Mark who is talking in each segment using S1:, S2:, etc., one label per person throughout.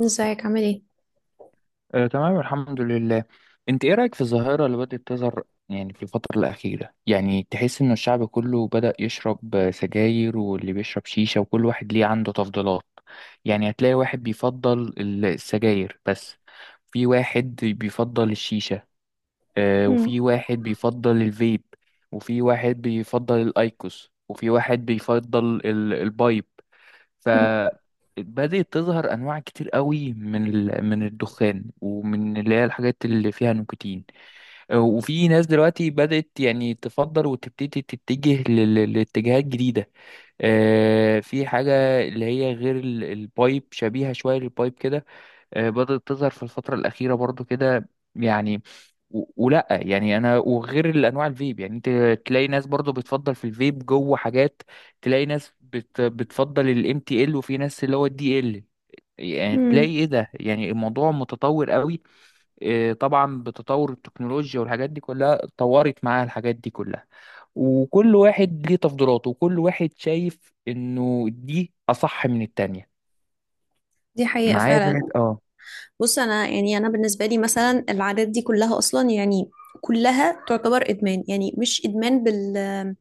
S1: ازيك عامل ايه؟
S2: تمام الحمد لله. انت ايه رأيك في الظاهرة اللي بدأت تظهر؟ يعني في الفترة الأخيرة يعني تحس ان الشعب كله بدأ يشرب سجاير، واللي بيشرب شيشة، وكل واحد ليه عنده تفضيلات. يعني هتلاقي واحد بيفضل السجاير بس، في واحد بيفضل الشيشة،
S1: مم.
S2: وفي واحد بيفضل الفيب، وفي واحد بيفضل الأيكوس، وفي واحد بيفضل البايب.
S1: مم.
S2: فبدأت تظهر أنواع كتير قوي من من الدخان ومن اللي هي الحاجات اللي فيها نيكوتين. وفي ناس دلوقتي بدأت يعني تفضل وتبتدي تتجه لاتجاهات جديدة. في حاجة اللي هي غير البايب، شبيهة شوية للبايب كده. بدأت تظهر في الفترة الأخيرة برضو كده يعني. ولا يعني انا وغير الانواع الفيب يعني انت تلاقي ناس برضو بتفضل في الفيب جوه حاجات. تلاقي ناس بتفضل الام تي ال، وفي ناس اللي هو الدي ال. يعني تلاقي
S1: مم.
S2: ايه ده؟ يعني الموضوع متطور قوي. إيه طبعا بتطور التكنولوجيا والحاجات دي كلها اتطورت معاها الحاجات دي كلها. وكل واحد ليه تفضيلاته وكل واحد شايف انه دي اصح من التانية.
S1: دي حقيقة
S2: معايا فهد،
S1: فعلا.
S2: اه.
S1: بص، انا انا بالنسبه لي مثلا العادات دي كلها اصلا كلها تعتبر ادمان. يعني مش ادمان بال-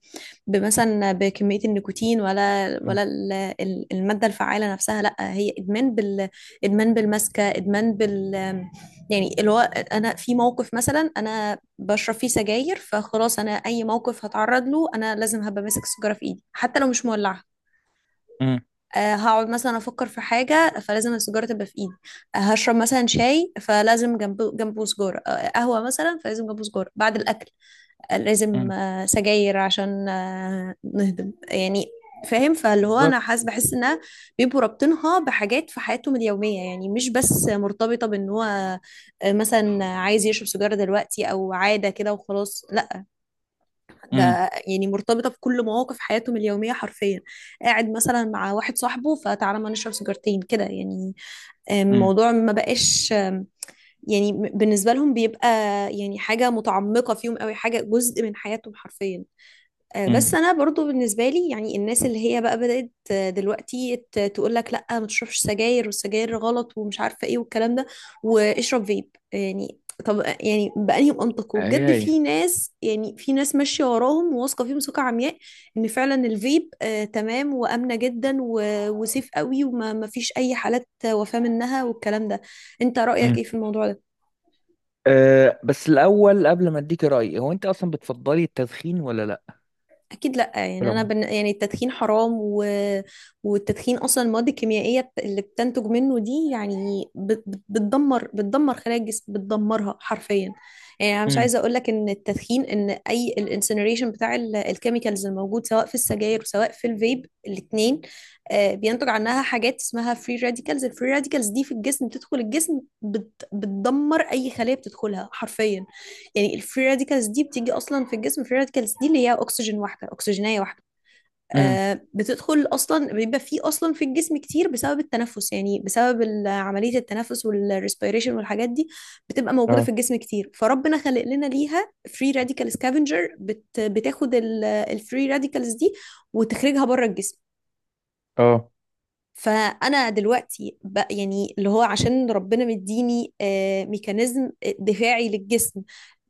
S1: بمثلا بكميه النيكوتين ولا الماده الفعاله نفسها، لا هي ادمان بال- ادمان بالمسكه، ادمان بال- يعني اللي هو انا في موقف مثلا انا بشرب فيه سجاير، فخلاص انا اي موقف هتعرض له انا لازم هبقى ماسك السيجاره في ايدي حتى لو مش مولعه.
S2: مم.
S1: هقعد مثلا افكر في حاجه فلازم السيجاره تبقى في ايدي. هشرب مثلا شاي فلازم جنبه سجاره، قهوه مثلا فلازم جنبه سجاره بعد الاكل. آه، لازم
S2: مم.
S1: آه، سجاير عشان نهضم يعني. فاهم؟ فاللي هو انا
S2: بالظبط.
S1: حاسس، بحس انها بيبقوا رابطينها بحاجات في حياتهم اليوميه، يعني مش بس مرتبطه بان هو مثلا عايز يشرب سيجاره دلوقتي او عاده كده وخلاص.
S2: امم.
S1: ده يعني مرتبطة بكل مواقف حياتهم اليومية حرفيا. قاعد مثلا مع واحد صاحبه، فتعالى ما نشرب سيجارتين كده يعني.
S2: امم.
S1: الموضوع ما بقاش يعني بالنسبة لهم بيبقى يعني حاجة متعمقة فيهم قوي، حاجة جزء من حياتهم حرفيا. بس
S2: امم.
S1: انا برضو بالنسبه لي، يعني الناس اللي هي بقى بدات دلوقتي تقول لك لا ما تشربش سجاير، والسجاير غلط، ومش عارفه ايه، والكلام ده، واشرب فيب يعني. طب يعني بأنهي منطق؟
S2: هي
S1: وبجد
S2: هي.
S1: في ناس، يعني في ناس ماشيه وراهم وواثقه فيهم ثقه عمياء ان فعلا الفيب آه تمام وامنه جدا وسيف قوي، وما ما فيش اي حالات وفاه منها والكلام ده. انت رأيك ايه
S2: امم.
S1: في الموضوع ده؟
S2: بس الأول قبل ما أديك رأيي، هو أنت أصلا بتفضلي التدخين ولا لأ؟
S1: اكيد لا،
S2: في
S1: يعني انا
S2: العموم؟
S1: بن... يعني التدخين حرام و... والتدخين اصلا المواد الكيميائيه اللي بتنتج منه دي يعني بت... بت- بتدمر، خلايا الجسم، بتدمرها حرفيا. يعني انا مش
S2: امم.
S1: عايزه اقول لك ان التدخين، ان اي الانسنريشن بتاع الكيميكالز الموجود سواء في السجاير وسواء في الفيب الاثنين بينتج عنها حاجات اسمها فري راديكالز. الفري راديكالز دي في الجسم بتدخل الجسم بت... بتدمر اي خليه بتدخلها حرفيا. يعني الفري راديكالز دي بتيجي اصلا في الجسم، الفري راديكالز دي اللي هي اكسجين واحده، اكسجينيه واحده،
S2: امم.
S1: آه بتدخل اصلا، بيبقى في اصلا في الجسم كتير بسبب التنفس، يعني بسبب عمليه التنفس والريسبيريشن والحاجات دي. بتبقى موجوده في
S2: اه.
S1: الجسم كتير، فربنا خلق لنا ليها فري راديكال سكافنجر بتاخد الفري راديكالز دي وتخرجها بره الجسم.
S2: اه.
S1: فانا دلوقتي بقى يعني اللي هو عشان ربنا مديني ميكانيزم دفاعي للجسم،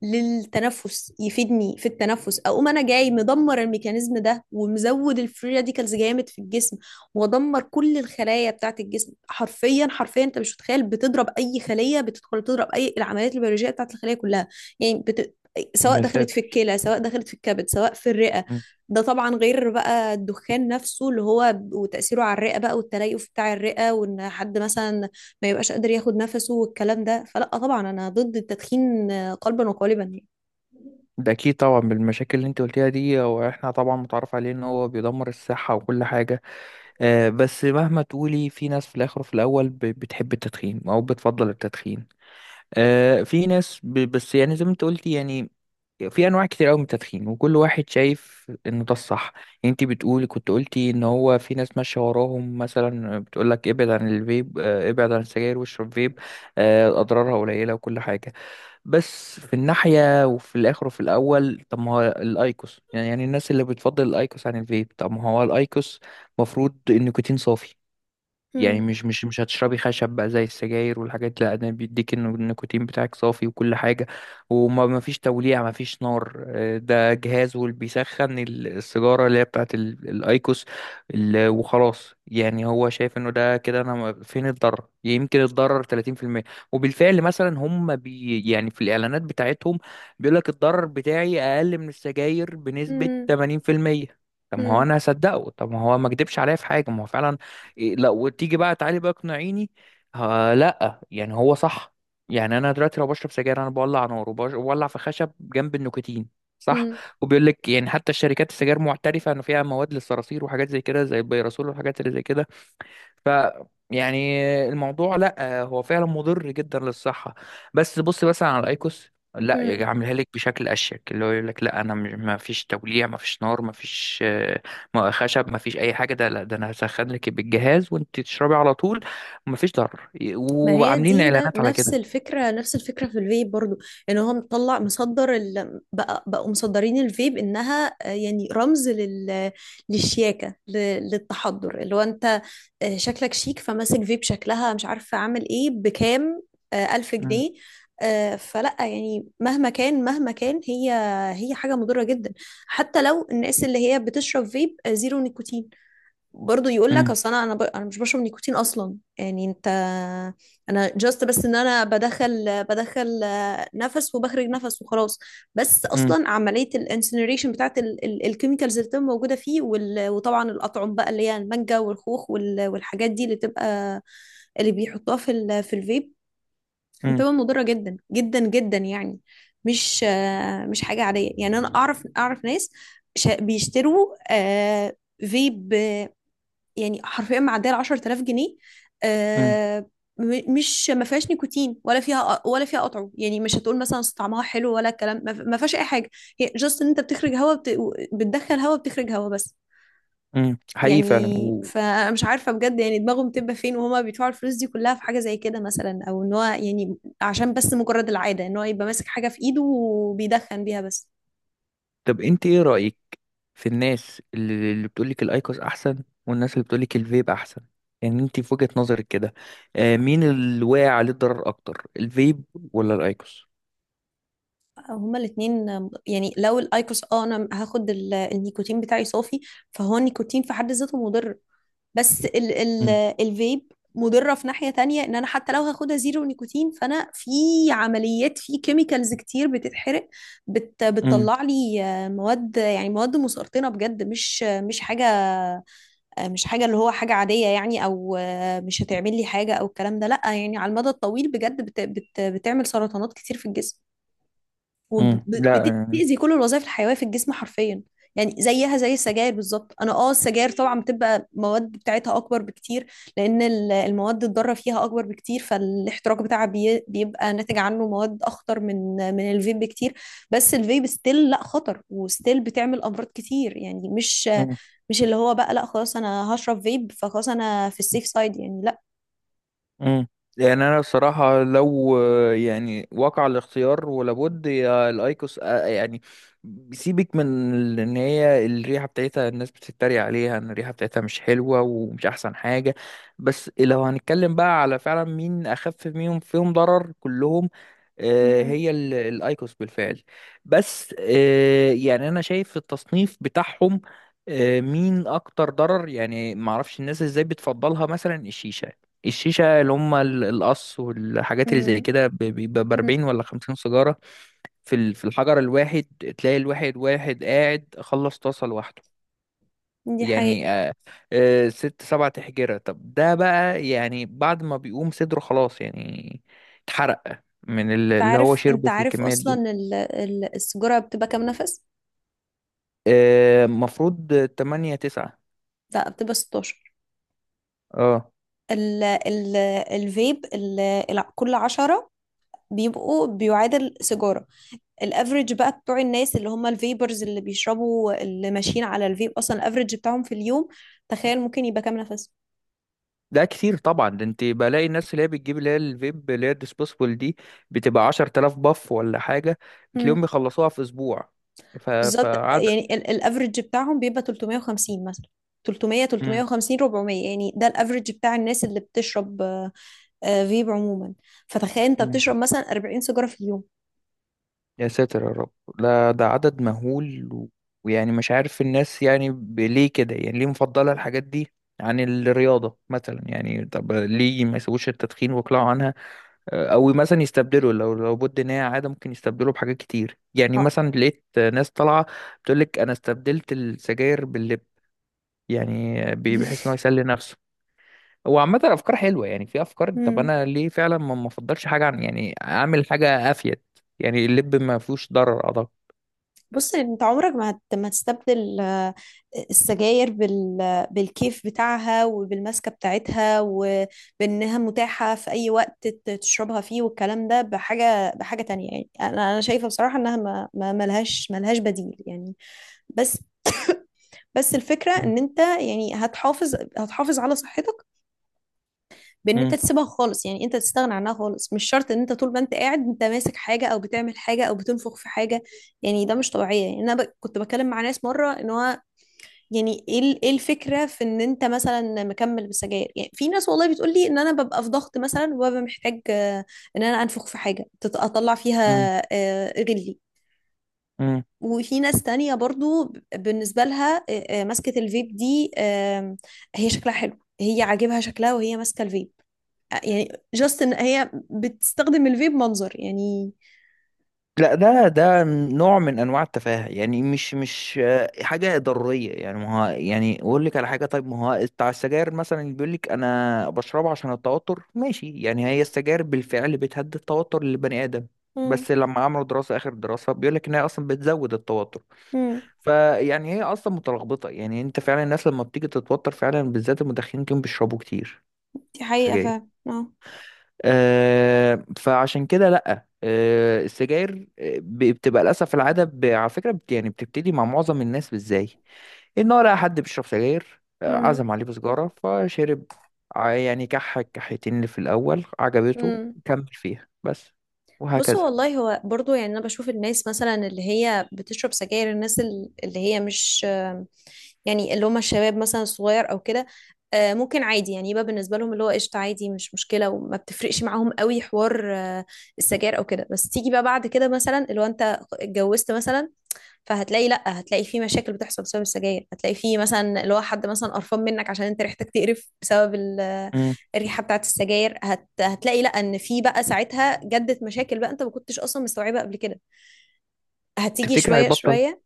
S1: للتنفس، يفيدني في التنفس، اقوم انا جاي مدمر الميكانيزم ده، ومزود الفري راديكالز جامد في الجسم، وادمر كل الخلايا بتاعت الجسم حرفيا. حرفيا انت مش متخيل، بتضرب اي خليه بتدخل، تضرب اي العمليات البيولوجيه بتاعت الخليه كلها، يعني بت... سواء
S2: يا
S1: دخلت في
S2: ساتر.
S1: الكلى، سواء دخلت في الكبد، سواء في الرئه.
S2: مم.
S1: ده طبعا غير بقى الدخان نفسه اللي هو وتأثيره على الرئة بقى، والتليف بتاع الرئة، وان حد مثلا ما يبقاش قادر ياخد نفسه والكلام ده. فلا طبعا انا ضد التدخين قلبا وقالبا يعني.
S2: ده أكيد طبعا بالمشاكل اللي أنت قلتيها دي، هو إحنا طبعا متعرف عليه إن هو بيدمر الصحة وكل حاجة. بس مهما تقولي، في ناس في الآخر وفي الأول بتحب التدخين أو بتفضل التدخين. في ناس بس يعني زي ما أنت قلتي يعني. في انواع كتير قوي من التدخين، وكل واحد شايف انه ده الصح. يعني انت بتقولي كنت قلتي ان هو في ناس ماشيه وراهم مثلا بتقول لك ابعد عن الفيب، ابعد عن السجاير واشرب فيب، اضرارها قليله وكل حاجه. بس في الناحيه وفي الاخر وفي الاول، طب ما هو الايكوس؟ يعني الناس اللي بتفضل الايكوس عن الفيب، طب ما هو الايكوس مفروض النيكوتين صافي. يعني
S1: مم.
S2: مش هتشربي خشب بقى زي السجاير والحاجات. لا، ده بيديك إنه النيكوتين بتاعك صافي وكل حاجة، وما ما فيش توليع، ما فيش نار. ده جهاز واللي بيسخن السيجارة اللي هي بتاعت الايكوس. وخلاص يعني هو شايف انه ده كده، انا فين الضرر؟ يمكن الضرر 30%. وبالفعل مثلا هم يعني في الاعلانات بتاعتهم بيقول لك الضرر بتاعي اقل من السجاير بنسبة
S1: مم.
S2: 80%. طب ما هو انا هصدقه، طب ما هو ما كدبش عليا في حاجه، ما هو فعلا إيه. لا، وتيجي بقى تعالي بقى اقنعيني. ها، لا يعني هو صح. يعني انا دلوقتي لو بشرب سجاير انا بولع نار وبولع في خشب جنب النيكوتين، صح.
S1: مم.
S2: وبيقول لك يعني حتى الشركات السجاير معترفه انه فيها مواد للصراصير وحاجات زي كده، زي البيرسول والحاجات اللي زي كده. ف يعني الموضوع لا هو فعلا مضر جدا للصحة. بس بص مثلا على الايكوس، لا يجي
S1: مم.
S2: عاملها لك بشكل اشيك، اللي هو يقول لك لا انا مش ما فيش توليع، ما فيش نار، ما فيش خشب، ما فيش اي حاجه. ده لا، ده انا هسخن لك بالجهاز وانت تشربي على طول، وما فيش ضرر،
S1: ما هي
S2: وعاملين
S1: دي
S2: اعلانات على
S1: نفس
S2: كده.
S1: الفكرة، نفس الفكرة في الفيب برضو، ان هو مطلع مصدر ال... بقى بقوا مصدرين الفيب انها يعني رمز لل... للشياكة ل... للتحضر، اللي هو انت شكلك شيك فماسك فيب، شكلها مش عارفة عامل ايه بكام؟ ألف
S2: امم.
S1: جنيه. فلا يعني مهما كان هي، هي حاجة مضرة جدا. حتى لو الناس اللي هي بتشرب فيب زيرو نيكوتين، برضو يقول لك اصل انا ب... انا مش بشرب نيكوتين اصلا يعني. انت انا جاست بس ان بدخل، بدخل نفس وبخرج نفس وخلاص. بس
S2: امم.
S1: اصلا عمليه الانسنريشن بتاعت ال... ال... الكيميكالز اللي بتبقى موجوده فيه، وال... وطبعا الاطعم بقى اللي هي المانجا والخوخ وال... والحاجات دي اللي تبقى اللي بيحطوها في ال... في الفيب
S2: امم.
S1: بتبقى مضره جدا جدا جدا يعني. مش مش حاجه عاديه، يعني انا اعرف، اعرف ناس بيشتروا فيب يعني حرفيا معديه ال 10000 جنيه. آه، مش ما فيهاش نيكوتين ولا فيها، ولا فيها قطعه، يعني مش هتقول مثلا أصل طعمها حلو ولا الكلام، ما فيهاش اي حاجه. هي جاست ان انت بتخرج هواء بت... بتدخل هواء بتخرج هواء بس
S2: امم، حقيقي
S1: يعني.
S2: فعلا.
S1: فانا مش عارفه بجد، يعني دماغهم بتبقى فين وهما بيدفعوا الفلوس دي كلها في حاجه زي كده مثلا؟ او ان هو يعني عشان بس مجرد العاده ان هو يبقى ماسك حاجه في ايده وبيدخن بيها بس.
S2: طب انت ايه رأيك في الناس اللي بتقولك الايكوس احسن، والناس اللي بتقولك الفيب احسن؟ يعني انت في وجهة نظرك كده، مين اللي واقع عليه الضرر اكتر، الفيب ولا الايكوس؟
S1: هما الاثنين، يعني لو الايكوس اه انا هاخد النيكوتين بتاعي صافي، فهو النيكوتين في حد ذاته مضر. بس ال الفيب مضرة في ناحية تانية، ان انا حتى لو هاخدها زيرو نيكوتين فانا في عمليات في كيميكالز كتير بتتحرق،
S2: امم.
S1: بتطلع لي مواد، يعني مواد مسرطنة بجد، مش مش حاجة مش حاجة اللي هو حاجة عادية يعني، او مش هتعمل لي حاجة او الكلام ده، لا يعني على المدى الطويل بجد بت بت بتعمل سرطانات كتير في الجسم
S2: امم. لا.
S1: وبتأذي كل الوظائف الحيوية في الجسم حرفيا. يعني زيها زي السجاير بالظبط. انا اه السجاير طبعا بتبقى مواد بتاعتها اكبر بكتير، لان المواد الضاره فيها اكبر بكتير، فالاحتراق بتاعها بيبقى ناتج عنه مواد اخطر من من الفيب بكتير. بس الفيب ستيل لا خطر وستيل بتعمل امراض كتير، يعني مش مش اللي هو بقى لا خلاص انا هشرب فيب فخلاص انا في السيف سايد يعني. لا
S2: مم. يعني انا الصراحه لو يعني وقع الاختيار، ولابد يا الايكوس يعني سيبك من ان هي الريحه بتاعتها الناس بتتريق عليها، ان الريحه بتاعتها مش حلوه ومش احسن حاجه. بس لو هنتكلم بقى على فعلا مين اخف منهم، فيهم ضرر كلهم،
S1: امم،
S2: هي الايكوس بالفعل. بس يعني انا شايف التصنيف بتاعهم، مين اكتر ضرر. يعني ما اعرفش الناس ازاي بتفضلها، مثلا الشيشه. الشيشه اللي هم القص والحاجات اللي زي
S1: امم
S2: كده بيبقى ب 40 ولا 50 سيجاره في في الحجر الواحد. تلاقي واحد قاعد خلص طاسه لوحده،
S1: دي حقيقة.
S2: يعني آه. ست سبع تحجرة. طب ده بقى يعني بعد ما بيقوم صدره خلاص يعني اتحرق من
S1: انت
S2: اللي هو
S1: عارف، انت
S2: شربه في
S1: عارف
S2: الكميات دي.
S1: اصلا السيجاره بتبقى كام نفس؟
S2: مفروض تمانية تسعة.
S1: لا بتبقى 16.
S2: اه،
S1: ال ال الفيب كل 10 بيبقوا بيعادل سيجاره. الافريج بقى بتوع الناس اللي هم الفيبرز اللي بيشربوا اللي ماشيين على الفيب اصلا، الافريج بتاعهم في اليوم تخيل ممكن يبقى كام نفس؟
S2: ده كتير طبعا. ده انت بلاقي الناس اللي هي بتجيب اللي هي الفيب اللي هي الديسبوسبل دي بتبقى 10,000 باف ولا حاجة،
S1: امم
S2: بتلاقيهم بيخلصوها في أسبوع. ف...
S1: بالظبط يعني الافريج بتاعهم بيبقى 350 مثلا، 300،
S2: فعدد.
S1: 350، 400، يعني ده الافريج بتاع الناس اللي بتشرب فيب عموما. فتخيل انت بتشرب مثلا 40 سيجاره في اليوم.
S2: يا ساتر يا رب، لا ده عدد مهول ويعني مش عارف الناس يعني ليه كده، يعني ليه مفضلة الحاجات دي عن الرياضة مثلا؟ يعني طب ليه ما يسووش التدخين ويقلعوا عنها؟ أو مثلا يستبدلوا، لو بد إن هي عادة ممكن يستبدلوا بحاجات كتير. يعني
S1: آه.
S2: مثلا لقيت ناس طالعة بتقولك أنا استبدلت السجاير باللب، يعني بحيث إن هو يسلي نفسه. هو عامة أفكار حلوة، يعني في أفكار. طب
S1: مم.
S2: أنا ليه فعلا ما أفضلش حاجة عن يعني أعمل حاجة أفيد؟ يعني اللب ما فيهوش ضرر أعتقد.
S1: بص انت عمرك ما هت... ما هتستبدل السجاير بال... بالكيف بتاعها وبالماسكه بتاعتها وبانها متاحه في اي وقت تشربها فيه والكلام ده بحاجه، بحاجه تانية. يعني انا شايفه بصراحه انها ما ملهاش، ملهاش بديل يعني. بس بس الفكره ان انت يعني هتحافظ على صحتك بان انت
S2: مم.
S1: تسيبها خالص، يعني انت تستغنى عنها خالص، مش شرط ان انت طول ما انت قاعد انت ماسك حاجه او بتعمل حاجه او بتنفخ في حاجه. يعني ده مش طبيعي. يعني انا ب... كنت بتكلم مع ناس مره ان هو يعني ايه إيه الفكره في ان انت مثلا مكمل بالسجاير؟ يعني في ناس والله بتقول لي ان انا ببقى في ضغط مثلا، وببقى محتاج ان انا انفخ في حاجه اطلع فيها
S2: مم.
S1: غلي.
S2: مم.
S1: وفي ناس تانية برضو بالنسبة لها مسكة الفيب دي آم، هي شكلها حلو، هي عاجبها شكلها وهي ماسكة الفيب. يعني جاست ان هي بتستخدم الفيب منظر يعني.
S2: لا، ده نوع من انواع التفاهه. يعني مش حاجه ضروريه. يعني ما هو يعني اقول لك على حاجه، طيب ما هو بتاع السجاير مثلا اللي بيقول لك انا بشربها عشان التوتر، ماشي يعني. هي السجاير بالفعل بتهدي التوتر للبني ادم،
S1: مم.
S2: بس لما عملوا دراسه اخر دراسه بيقول لك ان هي اصلا بتزود التوتر.
S1: مم.
S2: فيعني هي اصلا متلخبطه. يعني انت فعلا الناس لما بتيجي تتوتر فعلا، بالذات المدخنين، كانوا بيشربوا كتير
S1: دي حقيقة
S2: سجاير.
S1: فعلا اه.
S2: فعشان كده لأ. السجاير بتبقى للأسف العادة. على فكرة يعني بتبتدي مع معظم الناس إزاي؟ إن هو لقى حد بيشرب سجاير،
S1: امم،
S2: عزم عليه بسجارة فشرب، يعني كحيتين اللي في الأول عجبته،
S1: امم
S2: كمل فيها بس،
S1: بصوا
S2: وهكذا.
S1: والله، هو برضو يعني انا بشوف الناس مثلا اللي هي بتشرب سجاير، الناس اللي هي مش آم، يعني اللي هم الشباب مثلا الصغير او كده، ممكن عادي يعني يبقى بالنسبه لهم اللي هو قشطه، عادي مش مشكله وما بتفرقش معاهم قوي حوار السجاير او كده. بس تيجي بقى بعد كده مثلا اللي هو انت اتجوزت مثلا، فهتلاقي لا، هتلاقي في مشاكل بتحصل بسبب السجاير، هتلاقي في مثلا اللي هو حد مثلا قرفان منك عشان انت ريحتك تقرف بسبب
S2: مم.
S1: الريحه بتاعت السجاير. هت... هتلاقي لا ان في بقى ساعتها جدت مشاكل بقى انت ما كنتش اصلا مستوعبه قبل كده، هتيجي
S2: تفتكر
S1: شويه
S2: هيبطل؟
S1: شويه.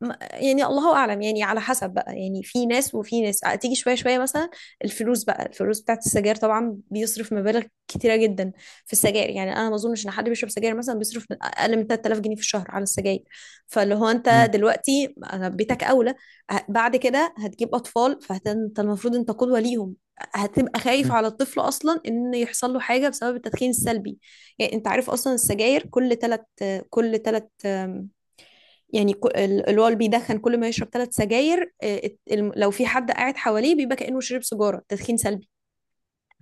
S1: يعني الله اعلم، يعني على حسب بقى، يعني في ناس وفي ناس تيجي شويه شويه مثلا. الفلوس بقى، الفلوس بتاعت السجاير طبعا، بيصرف مبالغ كتيره جدا في السجاير، يعني انا ما اظنش ان حد بيشرب سجاير مثلا بيصرف من اقل من 3000 جنيه في الشهر على السجاير. فاللي هو انت
S2: مم.
S1: دلوقتي بيتك اولى، بعد كده هتجيب اطفال فانت المفروض انت قدوه ليهم، هتبقى خايف
S2: مم.
S1: على الطفل اصلا ان يحصل له حاجه بسبب التدخين السلبي. يعني انت عارف اصلا السجاير، كل ثلاث يعني الوال بيدخن كل ما يشرب ثلاث سجاير لو في حد قاعد حواليه بيبقى كأنه شرب سيجارة، تدخين سلبي.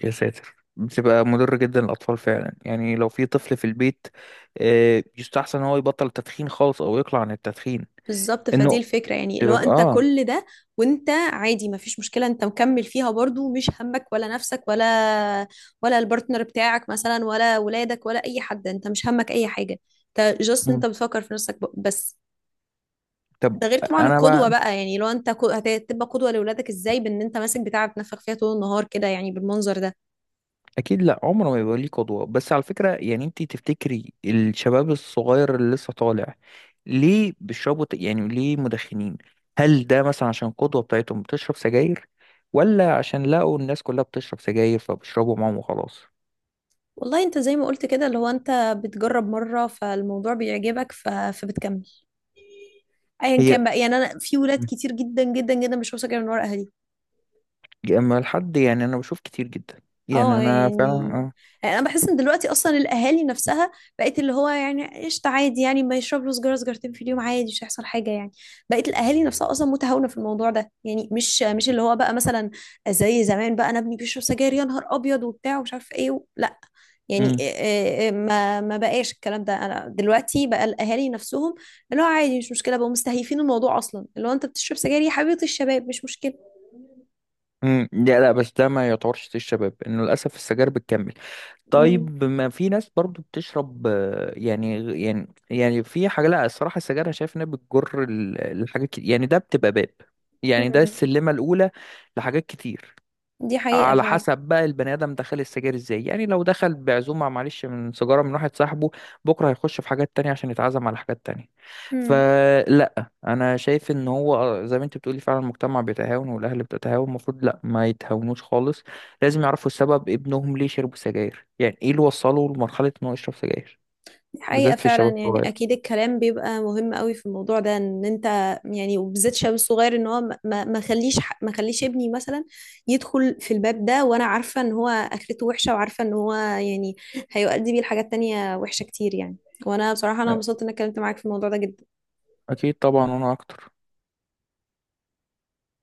S2: يا ساتر، بتبقى مضر جدا للأطفال فعلا. يعني لو في طفل في البيت يستحسن إن هو يبطل التدخين خالص أو يقلع عن التدخين.
S1: بالظبط، فدي
S2: إنه
S1: الفكرة يعني اللي هو
S2: تبقى
S1: انت
S2: اه.
S1: كل ده، وانت عادي ما فيش مشكلة، انت مكمل فيها برضو، مش همك ولا نفسك ولا، ولا البارتنر بتاعك مثلا، ولا ولادك، ولا اي حد، انت مش همك اي حاجة، انت جاست
S2: مم.
S1: انت بتفكر في نفسك بس.
S2: طب
S1: ده غير طبعا
S2: انا
S1: القدوة
S2: بقى،
S1: بقى، يعني لو انت هتبقى قدوة لأولادك ازاي بان انت ماسك بتاع بتنفخ فيها طول النهار كده يعني بالمنظر ده؟
S2: اكيد لا، عمره ما يبقى ليه قدوه. بس على فكره يعني انت تفتكري الشباب الصغير اللي لسه طالع، ليه بيشربوا يعني ليه مدخنين؟ هل ده مثلا عشان القدوه بتاعتهم بتشرب سجاير، ولا عشان لقوا الناس كلها بتشرب سجاير فبيشربوا معاهم وخلاص؟
S1: والله انت زي ما قلت كده اللي هو انت بتجرب مرة فالموضوع بيعجبك ف... فبتكمل، ايا
S2: هي.
S1: كان بقى. يعني انا في ولاد
S2: مم.
S1: كتير جدا جدا جدا مش واثقة من ورا اهاليها.
S2: اما الحد، يعني انا بشوف كتير جدا، يعني
S1: اه
S2: انا
S1: يعني،
S2: فعلا.
S1: يعني انا بحس ان دلوقتي اصلا الاهالي نفسها بقت اللي هو يعني قشطه، عادي يعني ما يشرب له سجاره سجارتين في اليوم عادي مش هيحصل حاجه يعني. بقت الاهالي نفسها اصلا متهاونه في الموضوع ده، يعني مش مش اللي هو بقى مثلا زي زمان بقى انا ابني بيشرب سجاير يا نهار ابيض وبتاع ومش عارف ايه و... لا يعني إيه-
S2: اه.
S1: إيه- إيه، ما ما بقاش الكلام ده. انا دلوقتي بقى الاهالي نفسهم اللي هو عادي مش مشكله، بقوا مستهيفين الموضوع اصلا، اللي هو انت بتشرب سجاير يا حبيبه الشباب مش مشكله.
S2: امم. لا لا، بس ده ما يعتبرش تيل الشباب انه للاسف السجاير بتكمل.
S1: مم.
S2: طيب ما في ناس برضو بتشرب يعني في حاجه. لا، الصراحه السجاير انا شايف انها بتجر لحاجات كتير، يعني ده بتبقى باب، يعني ده
S1: مم.
S2: السلمه الاولى لحاجات كتير.
S1: دي حقيقه
S2: على
S1: فعلا.
S2: حسب بقى البني ادم دخل السجاير ازاي. يعني لو دخل بعزومه معلش من سيجاره من واحد صاحبه، بكره هيخش في حاجات تانية عشان يتعزم على حاجات تانية.
S1: مم.
S2: فلا، انا شايف ان هو زي ما انت بتقولي فعلا المجتمع بيتهاون والاهل بتتهاون، المفروض لا ما يتهاونوش خالص. لازم يعرفوا السبب، ابنهم ليه شرب سجاير، يعني ايه اللي وصله لمرحله انه يشرب سجاير،
S1: دي حقيقة
S2: بالذات في
S1: فعلا،
S2: الشباب
S1: يعني
S2: الصغير.
S1: أكيد الكلام بيبقى مهم قوي في الموضوع ده إن أنت يعني وبالذات شاب صغير إن هو ما خليش ما خليش ابني مثلا يدخل في الباب ده، وأنا عارفة إن هو آخرته وحشة وعارفة إن هو يعني هيؤدي بيه لحاجات تانية وحشة كتير يعني. وأنا بصراحة انبسطت إن أنا اتكلمت معاك في الموضوع ده جدا.
S2: أكيد طبعا، وأنا أكتر.